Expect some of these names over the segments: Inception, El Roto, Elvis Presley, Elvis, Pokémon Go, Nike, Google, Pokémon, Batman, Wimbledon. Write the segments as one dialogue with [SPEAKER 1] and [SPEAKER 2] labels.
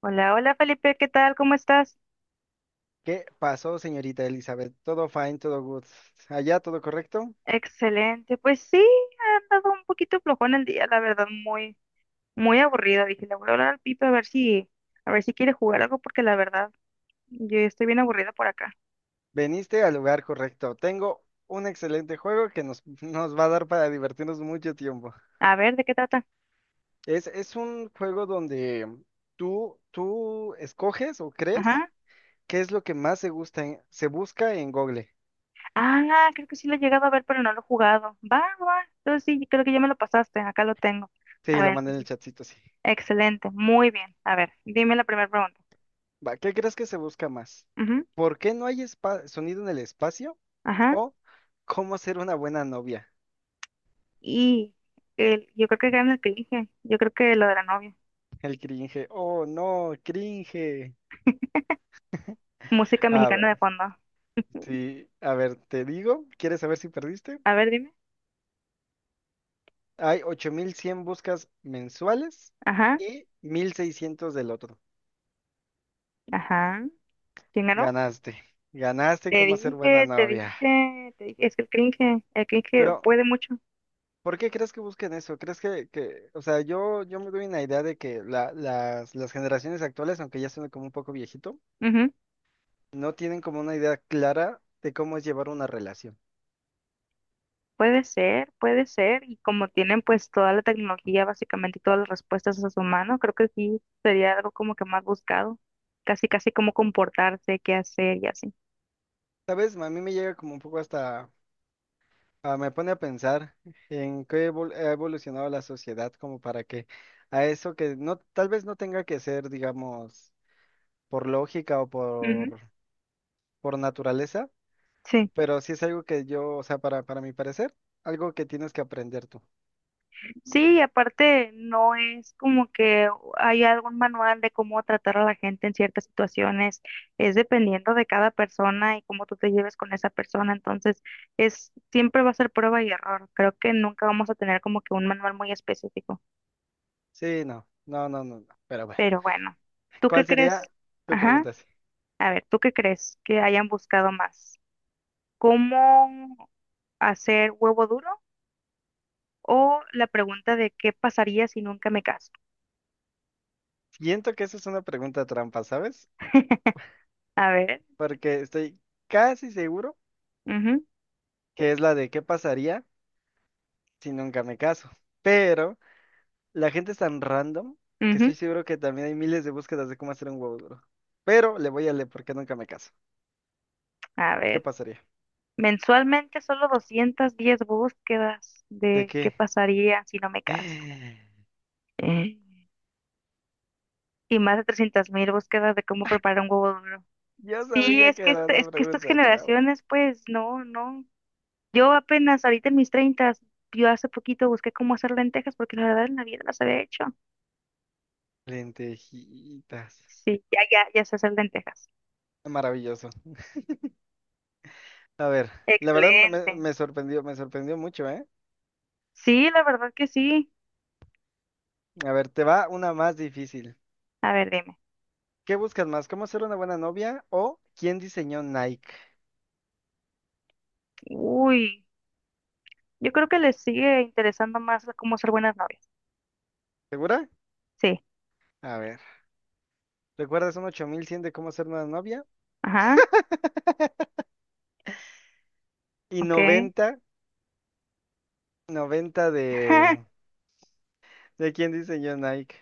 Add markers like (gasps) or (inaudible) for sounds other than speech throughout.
[SPEAKER 1] Hola, hola Felipe, ¿qué tal? ¿Cómo estás?
[SPEAKER 2] ¿Qué pasó, señorita Elizabeth? Todo fine, todo good. Allá todo correcto.
[SPEAKER 1] Excelente. Pues sí, ha andado un poquito flojón el día, la verdad, muy, muy aburrido. Dije, le voy a hablar al Pipe a ver si quiere jugar algo, porque la verdad, yo ya estoy bien aburrida por acá.
[SPEAKER 2] Veniste al lugar correcto. Tengo un excelente juego que nos, (laughs) nos va a dar para divertirnos mucho tiempo.
[SPEAKER 1] A ver, ¿de qué trata?
[SPEAKER 2] Es un juego donde tú escoges o crees
[SPEAKER 1] Ajá.
[SPEAKER 2] qué es lo que más se gusta, se busca en Google.
[SPEAKER 1] Ah, creo que sí lo he llegado a ver, pero no lo he jugado. Va, va. Entonces sí, creo que ya me lo pasaste, acá lo tengo. A
[SPEAKER 2] Sí, lo
[SPEAKER 1] ver,
[SPEAKER 2] mandé en el
[SPEAKER 1] entonces,
[SPEAKER 2] chatcito, sí.
[SPEAKER 1] excelente, muy bien. A ver, dime la primera pregunta.
[SPEAKER 2] Va, ¿qué crees que se busca más?
[SPEAKER 1] Ujú,
[SPEAKER 2] ¿Por qué no hay sonido en el espacio?
[SPEAKER 1] ajá.
[SPEAKER 2] ¿O cómo ser una buena novia?
[SPEAKER 1] Y yo creo que gana el que dije. Yo creo que lo de la novia.
[SPEAKER 2] El cringe. Oh, no, cringe.
[SPEAKER 1] Música
[SPEAKER 2] A ver,
[SPEAKER 1] mexicana de fondo.
[SPEAKER 2] sí, a ver, te digo, ¿quieres saber si perdiste?
[SPEAKER 1] A ver, dime.
[SPEAKER 2] Hay 8.100 buscas mensuales
[SPEAKER 1] Ajá,
[SPEAKER 2] y 1.600 del otro.
[SPEAKER 1] ajá. ¿Quién ganó?
[SPEAKER 2] Ganaste, ganaste
[SPEAKER 1] Te
[SPEAKER 2] cómo hacer buena
[SPEAKER 1] dije, te
[SPEAKER 2] novia.
[SPEAKER 1] dije, es que el cringe
[SPEAKER 2] Pero,
[SPEAKER 1] puede mucho.
[SPEAKER 2] ¿por qué crees que busquen eso? ¿Crees que, o sea, yo me doy una idea de que las generaciones actuales, aunque ya son como un poco viejito,
[SPEAKER 1] Ujú.
[SPEAKER 2] no tienen como una idea clara de cómo es llevar una relación?
[SPEAKER 1] Puede ser, puede ser. Y como tienen pues toda la tecnología básicamente y todas las respuestas a su mano, creo que sí sería algo como que más buscado. Casi, casi como comportarse, qué hacer y así.
[SPEAKER 2] ¿Sabes? A mí me llega como un poco hasta... Ah, me pone a pensar en qué ha evolucionado la sociedad como para que a eso que no, tal vez no tenga que ser, digamos, por lógica o
[SPEAKER 1] Ujú.
[SPEAKER 2] por, por naturaleza,
[SPEAKER 1] Sí.
[SPEAKER 2] pero sí es algo que yo, o sea, para mi parecer, algo que tienes que aprender tú.
[SPEAKER 1] Sí, y aparte no es como que hay algún manual de cómo tratar a la gente en ciertas situaciones, es dependiendo de cada persona y cómo tú te lleves con esa persona, entonces es siempre va a ser prueba y error. Creo que nunca vamos a tener como que un manual muy específico,
[SPEAKER 2] Sí, no, no, no, no, no. Pero bueno,
[SPEAKER 1] pero bueno,
[SPEAKER 2] (laughs)
[SPEAKER 1] ¿tú qué
[SPEAKER 2] ¿cuál
[SPEAKER 1] crees?
[SPEAKER 2] sería tu
[SPEAKER 1] Ajá,
[SPEAKER 2] pregunta? Sí.
[SPEAKER 1] a ver, ¿tú qué crees que hayan buscado más? ¿Cómo hacer huevo duro o la pregunta de qué pasaría si nunca me caso?
[SPEAKER 2] Siento que eso es una pregunta trampa, ¿sabes?
[SPEAKER 1] (laughs) A ver,
[SPEAKER 2] Porque estoy casi seguro
[SPEAKER 1] mhm.
[SPEAKER 2] que es la de qué pasaría si nunca me caso, pero... La gente es tan random que estoy seguro que también hay miles de búsquedas de cómo hacer un huevo duro. Pero le voy a leer porque nunca me caso.
[SPEAKER 1] A
[SPEAKER 2] ¿Qué
[SPEAKER 1] ver,
[SPEAKER 2] pasaría?
[SPEAKER 1] mensualmente solo 210 búsquedas
[SPEAKER 2] ¿De
[SPEAKER 1] de qué
[SPEAKER 2] qué?
[SPEAKER 1] pasaría si no
[SPEAKER 2] (gasps)
[SPEAKER 1] me caso.
[SPEAKER 2] (sighs)
[SPEAKER 1] Mm. Y más de 300,000 búsquedas de cómo preparar un huevo duro.
[SPEAKER 2] Yo
[SPEAKER 1] Sí,
[SPEAKER 2] sabía
[SPEAKER 1] es
[SPEAKER 2] que era
[SPEAKER 1] es
[SPEAKER 2] una
[SPEAKER 1] que estas
[SPEAKER 2] pregunta trampa.
[SPEAKER 1] generaciones, pues, no, no. Yo apenas ahorita en mis treintas, yo hace poquito busqué cómo hacer lentejas porque la verdad en la vida las había hecho.
[SPEAKER 2] Lentejitas.
[SPEAKER 1] Sí, ya, ya, ya sé hacer lentejas.
[SPEAKER 2] Maravilloso. A ver, la verdad me,
[SPEAKER 1] Excelente.
[SPEAKER 2] me sorprendió mucho, ¿eh?
[SPEAKER 1] Sí, la verdad que sí.
[SPEAKER 2] A ver, te va una más difícil.
[SPEAKER 1] A ver, dime.
[SPEAKER 2] ¿Qué buscas más? ¿Cómo ser una buena novia o quién diseñó Nike?
[SPEAKER 1] Uy, yo creo que les sigue interesando más cómo ser buenas novias.
[SPEAKER 2] ¿Segura?
[SPEAKER 1] Sí.
[SPEAKER 2] A ver, ¿recuerdas un 8100 de cómo ser una novia?
[SPEAKER 1] Ajá,
[SPEAKER 2] Y
[SPEAKER 1] ok.
[SPEAKER 2] 90 90 de...
[SPEAKER 1] (laughs)
[SPEAKER 2] ¿De quién diseñó Nike?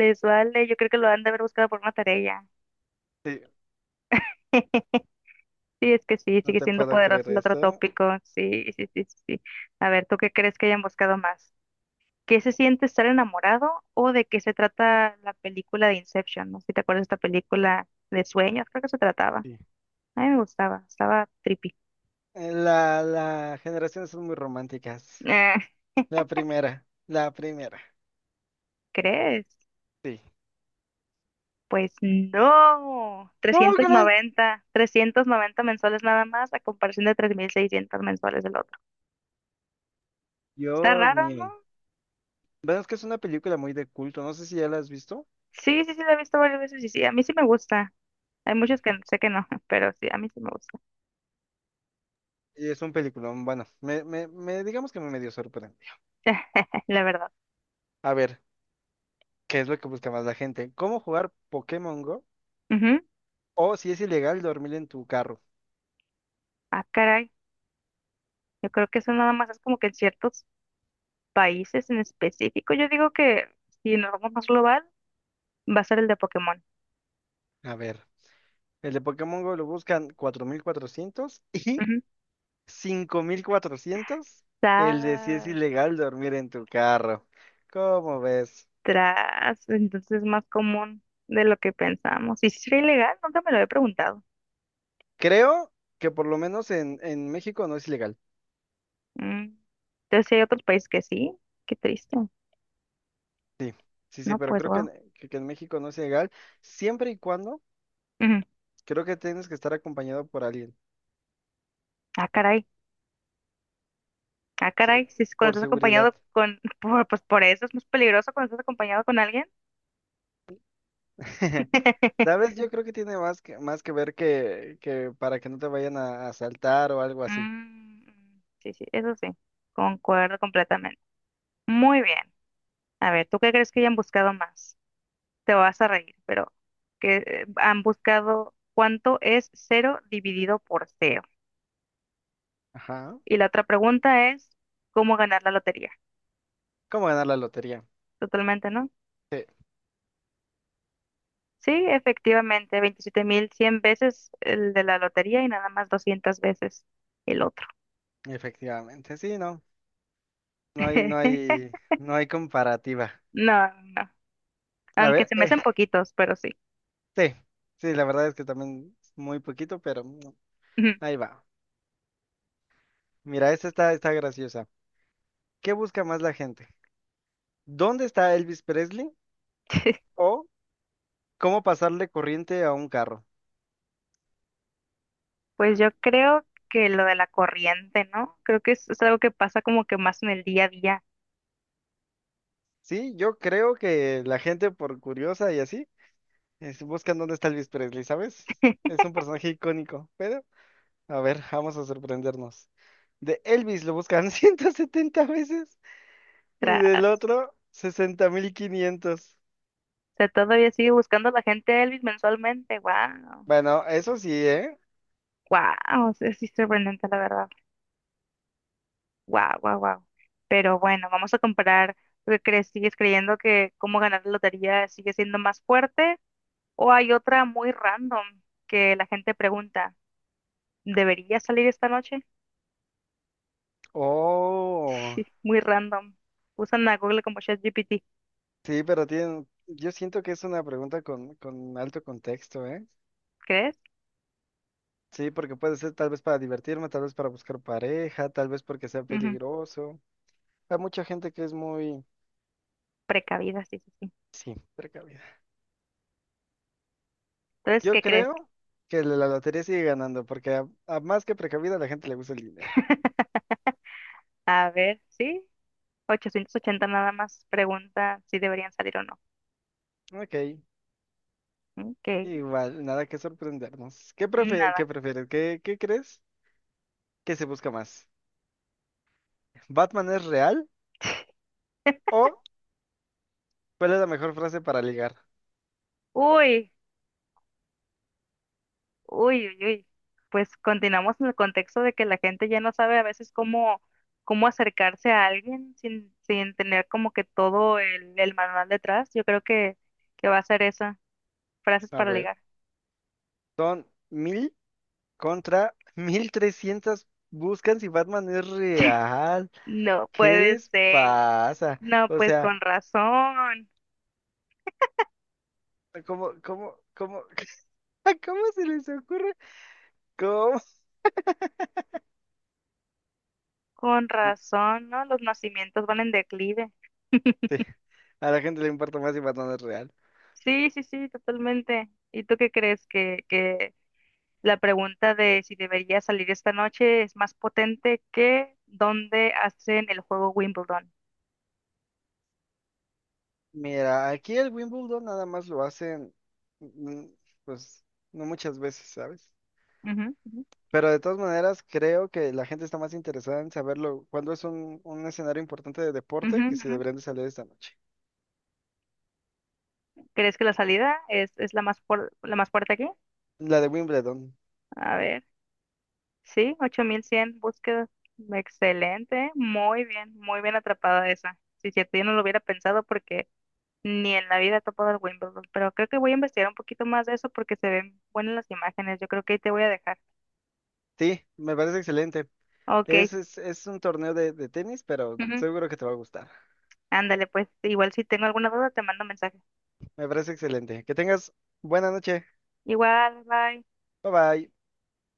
[SPEAKER 1] Les vale, yo creo que lo han de haber buscado por una tarea
[SPEAKER 2] Sí,
[SPEAKER 1] ya. (laughs) Sí, es que sí,
[SPEAKER 2] no
[SPEAKER 1] sigue
[SPEAKER 2] te
[SPEAKER 1] siendo
[SPEAKER 2] puedo creer
[SPEAKER 1] poderoso el otro
[SPEAKER 2] esto.
[SPEAKER 1] tópico. Sí, sí, sí, sí, sí. A ver, ¿tú qué crees que hayan buscado más? ¿Qué se siente estar enamorado o de qué se trata la película de Inception? No sé si te acuerdas de esta película de sueños, creo que se trataba.
[SPEAKER 2] Sí.
[SPEAKER 1] A mí me gustaba, estaba trippy.
[SPEAKER 2] La generaciones son muy románticas.
[SPEAKER 1] Eh,
[SPEAKER 2] La primera, la primera.
[SPEAKER 1] (laughs) ¿crees?
[SPEAKER 2] Sí.
[SPEAKER 1] Pues no,
[SPEAKER 2] ¿Cómo
[SPEAKER 1] Trescientos
[SPEAKER 2] crees?
[SPEAKER 1] noventa, 390 mensuales nada más a comparación de 3.600 mensuales del otro. Está
[SPEAKER 2] Dios
[SPEAKER 1] raro, ¿no?
[SPEAKER 2] mío. Bueno, es que es una película muy de culto. No sé si ya la has visto.
[SPEAKER 1] Sí, sí, sí, la he visto varias veces y sí, a mí sí me gusta. Hay muchos que
[SPEAKER 2] Sí.
[SPEAKER 1] sé que no, (laughs) pero sí, a mí sí me gusta.
[SPEAKER 2] Y es un peliculón. Bueno, me, digamos que me medio sorprendió.
[SPEAKER 1] (laughs) La verdad.
[SPEAKER 2] A ver, ¿qué es lo que busca más la gente? ¿Cómo jugar Pokémon Go?
[SPEAKER 1] Ujú.
[SPEAKER 2] ¿O si es ilegal dormir en tu carro?
[SPEAKER 1] Ah, caray. Yo creo que eso nada más es como que en ciertos países en específico. Yo digo que si nos vamos más global, va a ser el de Pokémon.
[SPEAKER 2] A ver. El de Pokémon Go lo buscan cuatro mil cuatrocientos, (laughs) y
[SPEAKER 1] Ujú.
[SPEAKER 2] 5400. El de si es
[SPEAKER 1] Tras,
[SPEAKER 2] ilegal dormir en tu carro. ¿Cómo ves?
[SPEAKER 1] tras. Entonces es más común de lo que pensamos. ¿Y si sería ilegal? Nunca me lo he preguntado.
[SPEAKER 2] Creo que por lo menos en México no es ilegal.
[SPEAKER 1] Mm. Entonces sí hay otros países que sí. Qué triste.
[SPEAKER 2] Sí, sí, sí,
[SPEAKER 1] No,
[SPEAKER 2] pero
[SPEAKER 1] pues
[SPEAKER 2] creo que,
[SPEAKER 1] wow.
[SPEAKER 2] que en México no es ilegal. Siempre y cuando,
[SPEAKER 1] Ujú.
[SPEAKER 2] creo que tienes que estar acompañado por alguien.
[SPEAKER 1] Ah, caray. Ah,
[SPEAKER 2] Sí,
[SPEAKER 1] caray, si es cuando
[SPEAKER 2] por
[SPEAKER 1] estás
[SPEAKER 2] seguridad.
[SPEAKER 1] acompañado (laughs) pues por eso es más peligroso cuando estás acompañado con alguien.
[SPEAKER 2] (laughs)
[SPEAKER 1] (laughs)
[SPEAKER 2] ¿Sabes? Yo creo que tiene más que ver que para que no te vayan a asaltar o algo así.
[SPEAKER 1] Mm, sí, sí, eso sí, concuerdo completamente. Muy bien. A ver, ¿tú qué crees que hayan buscado más? Te vas a reír, pero que han buscado cuánto es cero dividido por cero.
[SPEAKER 2] Ajá.
[SPEAKER 1] Y la otra pregunta es, ¿cómo ganar la lotería?
[SPEAKER 2] ¿Cómo ganar la lotería?
[SPEAKER 1] Totalmente, ¿no?
[SPEAKER 2] Sí.
[SPEAKER 1] Sí, efectivamente, 27.100 veces el de la lotería y nada más 200 veces el otro.
[SPEAKER 2] Efectivamente, sí, no, no hay, no
[SPEAKER 1] (laughs)
[SPEAKER 2] hay, no hay comparativa.
[SPEAKER 1] No, no, no.
[SPEAKER 2] A
[SPEAKER 1] Aunque
[SPEAKER 2] ver,
[SPEAKER 1] se me hacen poquitos, pero sí.
[SPEAKER 2] sí, sí, la verdad es que también es muy poquito, pero
[SPEAKER 1] Ujú.
[SPEAKER 2] ahí va. Mira, esta está, está graciosa. ¿Qué busca más la gente? ¿Dónde está Elvis Presley?
[SPEAKER 1] (laughs)
[SPEAKER 2] ¿O cómo pasarle corriente a un carro?
[SPEAKER 1] Pues yo creo que lo de la corriente, ¿no? Creo que es algo que pasa como que más en el día a día.
[SPEAKER 2] Sí, yo creo que la gente por curiosa y así, es, buscan dónde está Elvis Presley, ¿sabes?
[SPEAKER 1] (laughs)
[SPEAKER 2] Es un personaje icónico, pero a ver, vamos a sorprendernos. De Elvis lo buscan (laughs) 170 veces. Y del
[SPEAKER 1] Tras.
[SPEAKER 2] otro, sesenta mil quinientos.
[SPEAKER 1] O sea, todavía sigue buscando la gente a Elvis mensualmente. Wow.
[SPEAKER 2] Bueno, eso sí, ¿eh?
[SPEAKER 1] Wow. Es sorprendente, la verdad. Wow, wow, wow. Pero bueno, vamos a comparar. ¿Tú qué crees? ¿Sigues creyendo que cómo ganar la lotería sigue siendo más fuerte? ¿O hay otra muy random que la gente pregunta, ¿debería salir esta noche?
[SPEAKER 2] Oh,
[SPEAKER 1] Sí, muy random. Usan a Google como ChatGPT,
[SPEAKER 2] sí, pero tienen, yo siento que es una pregunta con alto contexto, ¿eh?
[SPEAKER 1] ¿crees?
[SPEAKER 2] Sí, porque puede ser tal vez para divertirme, tal vez para buscar pareja, tal vez porque sea
[SPEAKER 1] Ujú,
[SPEAKER 2] peligroso. Hay mucha gente que es muy,
[SPEAKER 1] precavida, sí, sí, sí.
[SPEAKER 2] sí, precavida.
[SPEAKER 1] Entonces,
[SPEAKER 2] Yo
[SPEAKER 1] ¿qué crees?
[SPEAKER 2] creo que la la lotería sigue ganando, porque a más que precavida a la gente le gusta el dinero.
[SPEAKER 1] (laughs) A ver, sí, 880 nada más pregunta si deberían salir o no.
[SPEAKER 2] Ok,
[SPEAKER 1] Ok,
[SPEAKER 2] igual, nada que sorprendernos. ¿Qué qué
[SPEAKER 1] nada.
[SPEAKER 2] prefieres? ¿Qué, qué crees que se busca más? ¿Batman es real? ¿O cuál es la mejor frase para ligar?
[SPEAKER 1] Uy, uy, uy, uy. Pues continuamos en el contexto de que la gente ya no sabe a veces cómo, cómo acercarse a alguien sin, sin tener como que todo el manual detrás. Yo creo que va a ser esa. Frases
[SPEAKER 2] A
[SPEAKER 1] para
[SPEAKER 2] ver.
[SPEAKER 1] ligar.
[SPEAKER 2] Son mil contra mil trescientas. Buscan si Batman es real.
[SPEAKER 1] No
[SPEAKER 2] ¿Qué
[SPEAKER 1] puede
[SPEAKER 2] les
[SPEAKER 1] ser.
[SPEAKER 2] pasa?
[SPEAKER 1] No,
[SPEAKER 2] O
[SPEAKER 1] pues
[SPEAKER 2] sea, ¿cómo, cómo, cómo, (laughs) cómo se les ocurre? ¿Cómo?
[SPEAKER 1] con razón, ¿no? Los nacimientos van en declive.
[SPEAKER 2] Sí, a la gente le importa más si Batman es real.
[SPEAKER 1] Sí, sí, sí, totalmente. ¿Y tú qué crees que la pregunta de si debería salir esta noche es más potente que dónde hacen el juego Wimbledon?
[SPEAKER 2] Mira, aquí el Wimbledon nada más lo hacen, mm, pues, no muchas veces, ¿sabes?
[SPEAKER 1] Ujú, ujú,
[SPEAKER 2] Pero de todas maneras, creo que la gente está más interesada en saberlo cuando es un escenario importante de
[SPEAKER 1] ujú,
[SPEAKER 2] deporte que si
[SPEAKER 1] ujú.
[SPEAKER 2] deberían de salir esta noche.
[SPEAKER 1] ¿Crees que la salida es la más, la más fuerte aquí?
[SPEAKER 2] La de Wimbledon.
[SPEAKER 1] A ver. Sí, 8.100 búsquedas. Excelente. Muy bien atrapada esa. Si cierto, yo no lo hubiera pensado porque ni en la vida he topado el Wimbledon, pero creo que voy a investigar un poquito más de eso porque se ven buenas las imágenes. Yo creo que ahí te voy a dejar.
[SPEAKER 2] Sí, me parece excelente.
[SPEAKER 1] Ok.
[SPEAKER 2] Es, es un torneo de tenis, pero
[SPEAKER 1] Ujú,
[SPEAKER 2] seguro que te va a gustar.
[SPEAKER 1] ándale, pues igual si tengo alguna duda te mando mensaje.
[SPEAKER 2] Me parece excelente. Que tengas buena noche.
[SPEAKER 1] Igual, bye.
[SPEAKER 2] Bye bye.